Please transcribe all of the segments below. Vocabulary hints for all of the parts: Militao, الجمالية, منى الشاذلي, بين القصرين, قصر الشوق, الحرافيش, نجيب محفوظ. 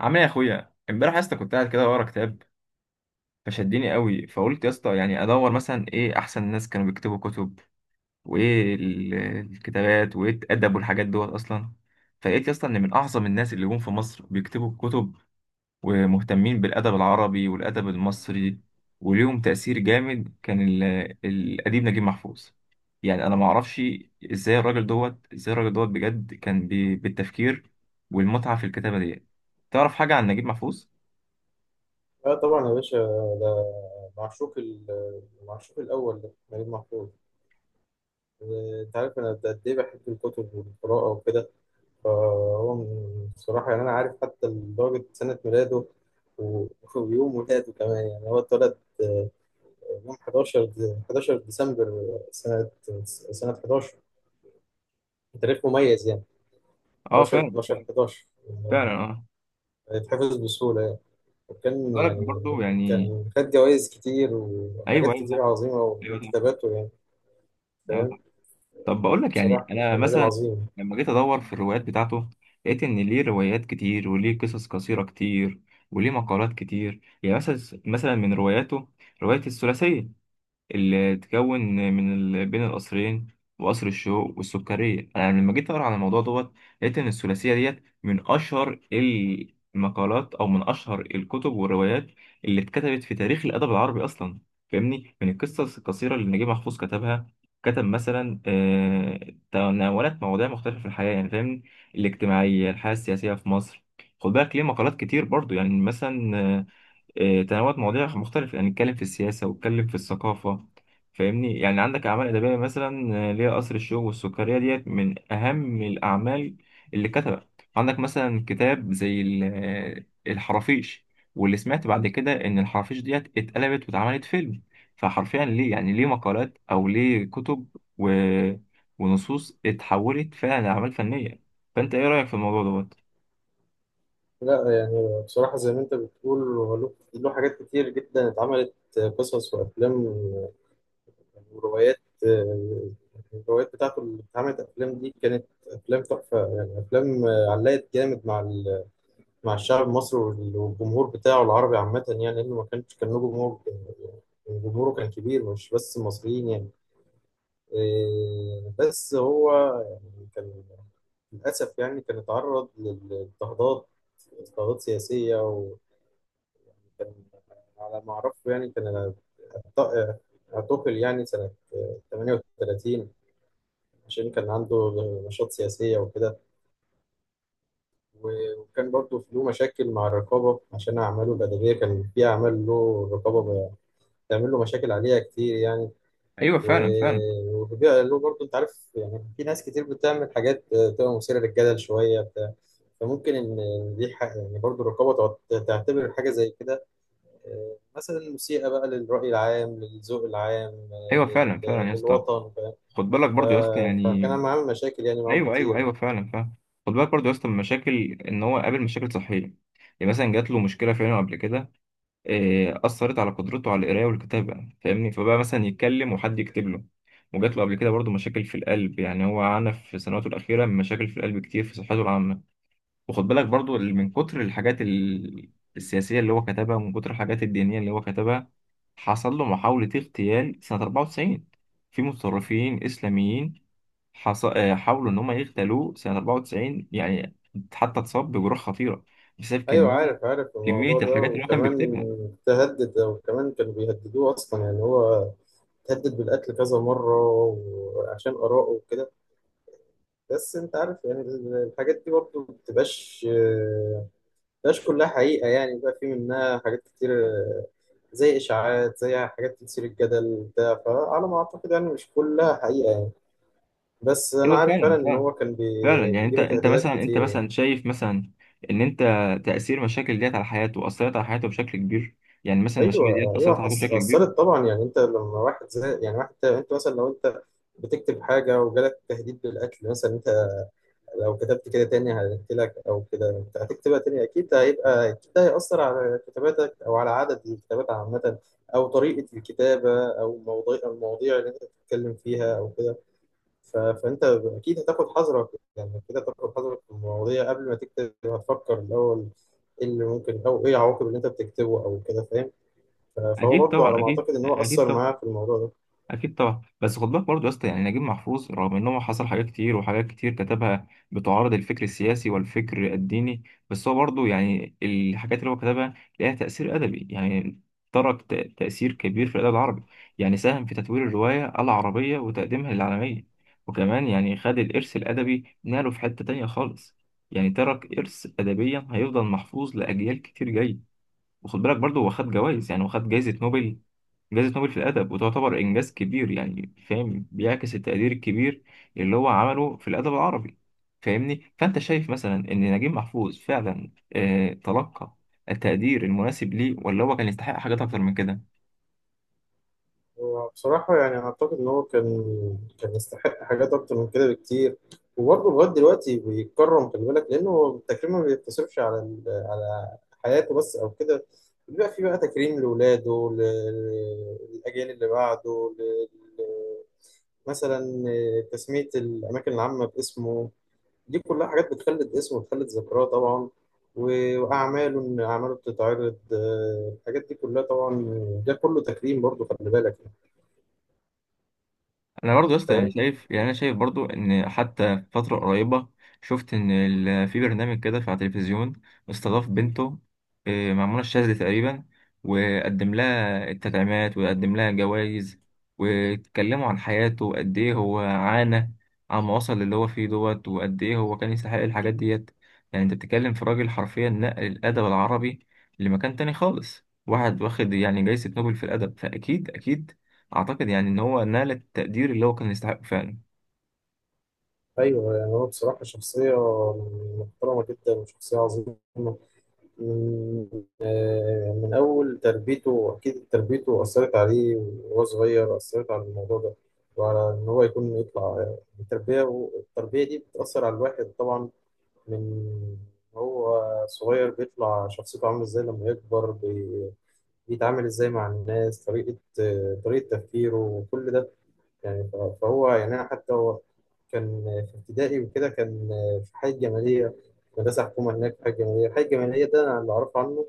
عامل ايه يا اخويا؟ امبارح يا اسطى كنت قاعد كده ورا كتاب. فشدني قوي فقلت يا اسطى يعني ادور مثلا ايه احسن ناس كانوا بيكتبوا كتب وايه الكتابات وايه الادب والحاجات دوت اصلا. فلقيت يا اسطى ان من اعظم الناس اللي جم في مصر بيكتبوا كتب ومهتمين بالادب العربي والادب المصري، وليهم تاثير جامد كان الاديب نجيب محفوظ. يعني انا ما اعرفش ازاي الراجل دوت بجد كان بالتفكير والمتعه في الكتابه ديت. تعرف حاجه عن نجيب محفوظ؟ لا طبعا يا باشا. ده المعشوق الأول ده نجيب محفوظ. أنت عارف أنا قد إيه بحب الكتب والقراءة وكده. بصراحة يعني أنا عارف حتى درجة سنة ميلاده و- ويوم ولاده كمان. يعني هو اتولد آه، يوم 11 11 ديسمبر سنة 11. تاريخ مميز يعني، اه 11 فعلا، 12 11 يعني فعلا اه. يتحفظ بسهولة يعني. وكان بالك يعني برضه يعني. كان خد جوائز كتير ايوه وحاجات كتير ايوه، عظيمة ايوه من صح، كتاباته يعني. ايوه فاهم، صح. طب بقول لك يعني بصراحة انا كان راجل مثلا عظيم. لما جيت ادور في الروايات بتاعته لقيت ان ليه روايات كتير وليه قصص قصيره كتير وليه مقالات كتير. يعني مثلا من رواياته روايه الثلاثيه اللي تكون من بين القصرين وقصر الشوق والسكرية. أنا لما جيت أقرأ عن الموضوع دوت لقيت إن الثلاثية ديت من أشهر المقالات أو من أشهر الكتب والروايات اللي اتكتبت في تاريخ الأدب العربي أصلا. فاهمني، من القصص القصيرة اللي نجيب محفوظ كتبها كتب مثلا تناولت مواضيع مختلفة في الحياة. يعني فاهمني، الاجتماعية، الحياة السياسية في مصر. خد بالك ليه مقالات كتير برضو، يعني مثلا تنوعت مواضيع مختلفة. يعني نتكلم في السياسة واتكلم في الثقافة فاهمني. يعني عندك أعمال أدبية مثلا اللي هي قصر الشوق والسكرية ديت من أهم الأعمال اللي كتبت. عندك مثلا كتاب زي الحرافيش، واللي سمعت بعد كده إن الحرافيش ديت اتقلبت واتعملت فيلم. فحرفيا ليه يعني ليه مقالات أو ليه كتب و... ونصوص اتحولت فعلا لأعمال فنية. فأنت إيه رأيك في الموضوع دوت؟ لا يعني بصراحة زي ما أنت بتقول هو له حاجات كتير جدا اتعملت قصص وأفلام وروايات. الروايات بتاعته اللي اتعملت أفلام دي كانت أفلام تحفة يعني، أفلام علقت جامد مع الشعب المصري والجمهور بتاعه العربي عامة، يعني لأنه ما كانش كان له جمهور. جمهوره كان كبير مش بس المصريين يعني. بس هو يعني كان للأسف يعني كان اتعرض للاضطهادات، اضطهادات سياسية. وكان على ما أعرفه يعني كان اعت- اعتقل يعني سنة 38 عشان كان عنده نشاط سياسية وكده. وكان برضه له مشاكل مع الرقابة عشان أعماله الأدبية، كان في أعمال له الرقابة بتعمل له مشاكل عليها كتير يعني. أيوه فعلا فعلا. واللي بيعملوه برضه انت عارف يعني في ناس كتير بتعمل حاجات تبقى مثيرة للجدل شوية بتاع. فممكن إن يعني برضه الرقابة تعتبر حاجة زي كده مثلا مسيئة بقى للرأي العام، للذوق العام، أيوه فعلا فعلا يا اسطى. للوطن. خد بالك ف- برضو يا اسطى يعني. فكان أنا عامل مشاكل يعني معاهم ايوه، كتير ايوه، ايوه يعني. فعلا فعلا. خد بالك برضو يا اسطى، من المشاكل ان هو قابل مشاكل صحيه. يعني مثلا جات له مشكله في عينه قبل كده، اثرت على قدرته على القرايه والكتابه، فاهمني، فبقى مثلا يتكلم وحد يكتب له. وجات له قبل كده برضو مشاكل في القلب. يعني هو عانى في سنواته الاخيره من مشاكل في القلب كتير، في صحته العامه. وخد بالك برضو، اللي من كتر الحاجات السياسيه اللي هو كتبها، ومن كتر الحاجات الدينيه اللي هو كتبها، حصل له محاوله اغتيال سنه 94 في متطرفين اسلاميين. حص... آه، حاولوا ان هم يغتالوه سنه 94 يعني. حتى اتصاب بجروح خطيره بسبب ايوه كميه عارف، عارف كميه الموضوع ده. الحاجات اللي هو كان وكمان بيكتبها. تهدد، وكمان كانوا بيهددوه اصلا يعني هو تهدد بالقتل كذا مرة وعشان آراءه وكده. بس انت عارف يعني الحاجات دي برضو ما بتبقاش، بتبقاش كلها حقيقة يعني. بقى في منها حاجات كتير زي إشاعات، زي حاجات تثير الجدل بتاع. فعلى ما أعتقد يعني مش كلها حقيقة يعني. بس أنا ايوه عارف فعلا فعلا إن فعلا. هو كان فعلا، يعني انت بيجيله انت مثلا تهديدات انت كتير يعني. مثلا شايف مثلا ان انت تاثير المشاكل ديت على حياته اثرت على حياته بشكل كبير. يعني مثلا المشاكل ديت أيوه أيوه، اثرت على حياته بشكل كبير. أثرت طبعا. يعني أنت لما واحد زي يعني واحد، أنت مثلا لو أنت بتكتب حاجة وجالك تهديد بالقتل مثلا، أنت لو كتبت كده تاني هحكي لك او كده، انت هتكتبها تاني اكيد هيبقى، اكيد ده هيأثر على كتاباتك او على عدد الكتابات عامة، او طريقة الكتابة، او المواضيع اللي انت بتتكلم فيها او كده. فانت اكيد هتاخد حذرك، يعني كده تاخد حذرك في المواضيع. قبل ما تكتب هتفكر الاول ايه اللي ممكن، او ايه العواقب اللي انت بتكتبه او كده، فاهم. فهو اكيد برضه على طبعا، ما اكيد اعتقد ان هو اكيد. أثر معاه في الموضوع ده. اكيد طبعا. بس خد بالك برضه يا اسطى، يعني نجيب محفوظ رغم ان هو حصل حاجات كتير وحاجات كتير كتبها بتعارض الفكر السياسي والفكر الديني، بس هو برضه يعني الحاجات اللي هو كتبها ليها تاثير ادبي يعني. ترك تاثير كبير في الادب العربي. يعني ساهم في تطوير الروايه العربيه وتقديمها للعالميه. وكمان يعني خد الارث الادبي، ناله في حته تانية خالص. يعني ترك ارث ادبيا هيفضل محفوظ لاجيال كتير جايه. وخد بالك برضه، هو خد جوائز. يعني هو خد جائزه نوبل جائزة نوبل في الأدب، وتعتبر إنجاز كبير. يعني فاهم، بيعكس التقدير الكبير اللي هو عمله في الأدب العربي. فاهمني، فأنت شايف مثلا إن نجيب محفوظ فعلا تلقى التقدير المناسب ليه، ولا هو كان يستحق حاجات أكتر من كده؟ هو بصراحة يعني أعتقد إن هو كان كان يستحق حاجات أكتر من كده بكتير. وبرضه لغاية دلوقتي بيتكرم، خلي بالك، لأنه التكريم ما بيقتصرش على حياته بس أو كده. بيبقى في بقى تكريم لولاده، للأجيال اللي بعده، ل- مثلا تسمية الأماكن العامة باسمه. دي كلها حاجات بتخلد اسمه، بتخلد ذكراه طبعا. وأعماله، إن أعماله بتتعرض، الحاجات دي كلها طبعا ده كله تكريم برضه، خلي بالك. انا برضه يا اسطى يعني فاهم. شايف، يعني انا شايف برضه ان حتى في فتره قريبه شفت ان في برنامج كده في على التلفزيون، استضاف بنته مع منى الشاذلي تقريبا. وقدم لها التدعيمات وقدم لها جوائز، واتكلموا عن حياته وقد ايه هو عانى عما وصل للي هو فيه دوت، وقد ايه هو كان يستحق الحاجات ديت. يعني انت بتتكلم في راجل حرفيا نقل الادب العربي لمكان تاني خالص، واحد واخد يعني جايزة نوبل في الادب. فاكيد اكيد اعتقد يعني ان هو نال التقدير اللي هو كان يستحقه فعلا. ايوه يعني هو بصراحه شخصيه محترمه جدا وشخصيه عظيمه. من من اول تربيته. اكيد تربيته اثرت عليه وهو صغير، اثرت على الموضوع ده وعلى ان هو يكون يطلع. التربيه، والتربيه دي بتاثر على الواحد طبعا، من هو صغير بيطلع شخصيته عامله ازاي لما يكبر، بيتعامل ازاي مع الناس، طريقه طريقه تفكيره وكل ده يعني. فهو يعني أنا حتى هو كان في ابتدائي وكده، كان في حي الجمالية، مدرسة حكومة هناك في حي الجمالية. الحي الجمالية ده أنا اللي أعرف عنه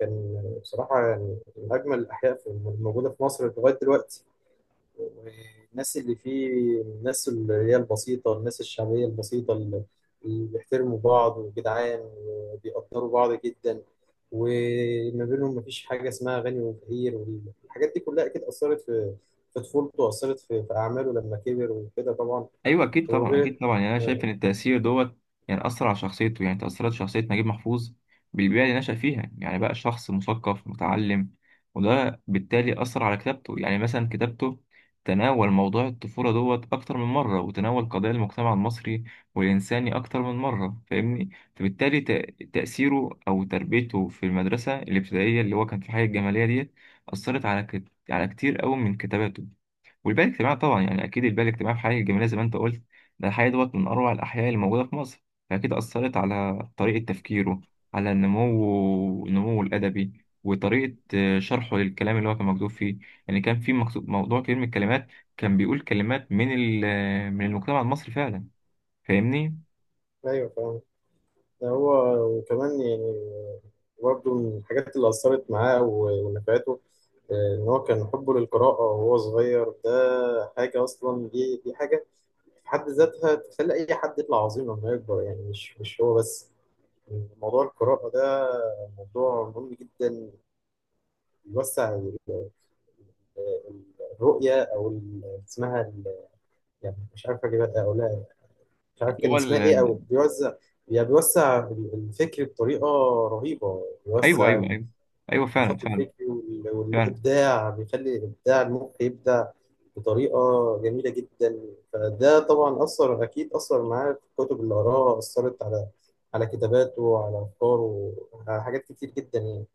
كان بصراحة يعني من أجمل الأحياء الموجودة في مصر لغاية دلوقتي. والناس اللي فيه، الناس اللي هي البسيطة، الناس الشعبية البسيطة اللي بيحترموا بعض وجدعان وبيقدروا بعض جدا. وما بينهم مفيش حاجة اسمها غني وفقير، والحاجات دي كلها أكيد أثرت في في طفولته، وأثرت في أعماله لما كبر وكده طبعا. ايوه اكيد طبعا، وغير اكيد طبعا. يعني انا شايف آه، ان التاثير دوت يعني اثر على شخصيته. يعني تاثرت شخصيه نجيب محفوظ بالبيئه اللي نشأ فيها. يعني بقى شخص مثقف متعلم، وده بالتالي اثر على كتابته. يعني مثلا كتابته تناول موضوع الطفوله دوت اكتر من مره، وتناول قضايا المجتمع المصري والانساني اكتر من مره فاهمني. فبالتالي تاثيره او تربيته في المدرسه الابتدائيه اللي هو كان في حي الجماليه ديت اثرت على على كتير قوي من كتاباته. والبنى الاجتماعي طبعا، يعني اكيد البنى الاجتماعي في حي الجماليه زي ما انت قلت، ده الحي دوت من اروع الاحياء اللي موجوده في مصر، فاكيد اثرت على طريقه تفكيره، على نموه الادبي، وطريقه شرحه للكلام اللي هو كان مكتوب فيه. يعني كان في مكتوب موضوع كتير من الكلمات، كان بيقول كلمات من من المجتمع المصري فعلا، فاهمني. أيوه فاهم. ده هو وكمان يعني برضه من الحاجات اللي أثرت معاه ونفعته، إن هو كان حبه للقراءة وهو صغير ده. حاجة أصلا، دي حاجة في حد ذاتها تخلي أي حد يطلع عظيم لما يكبر يعني. مش هو بس، موضوع القراءة ده موضوع مهم جدا، بيوسع الرؤية، أو يعني مش عارف أجيب أقولها، مش عارف اللي كان هو اسمها إيه، أو ال- بيوزع، يعني بيوسع الفكر بطريقة رهيبة. ايوه بيوسع ايوه، ايوه، ايوه فعلا النشاط فعلا الفكري فعلا. والإبداع، بيخلي إبداع المخ يبدع بطريقة جميلة جدا. فده طبعا أثر، أكيد أثر معاه في الكتب اللي قراها أثرت على على كتاباته وعلى أفكاره، على حاجات كتير جدا يعني.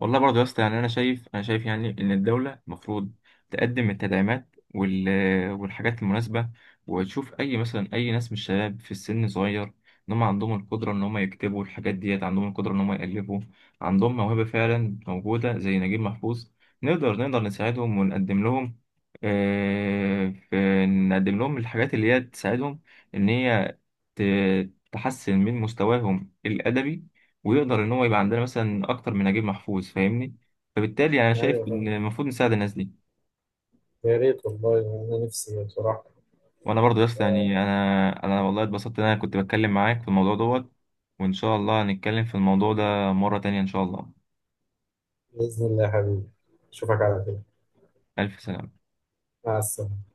والله برضه يا اسطى يعني انا شايف يعني ان الدوله المفروض تقدم التدعيمات والحاجات المناسبه، وتشوف اي مثلا اي ناس من الشباب في السن صغير، ان هم عندهم القدره ان هم يكتبوا الحاجات ديت، عندهم القدره ان هم يالفوا، عندهم موهبه فعلا موجوده زي نجيب محفوظ. نقدر نساعدهم ونقدم لهم نقدم لهم الحاجات اللي هي تساعدهم ان هي تحسن من مستواهم الأدبي، ويقدر إن هو يبقى عندنا مثلا أكتر من نجيب محفوظ فاهمني. فبالتالي أنا شايف أيوه إن فاهم. المفروض نساعد الناس دي. يا ريت والله، أنا نفسي بصراحة. وأنا برضه يا اسطى يعني أنا والله اتبسطت إن أنا كنت بتكلم معاك في الموضوع دوت، وإن شاء الله هنتكلم في الموضوع ده مرة تانية إن شاء الله. بإذن الله يا حبيبي، أشوفك على خير. ألف سلامة. مع السلامة.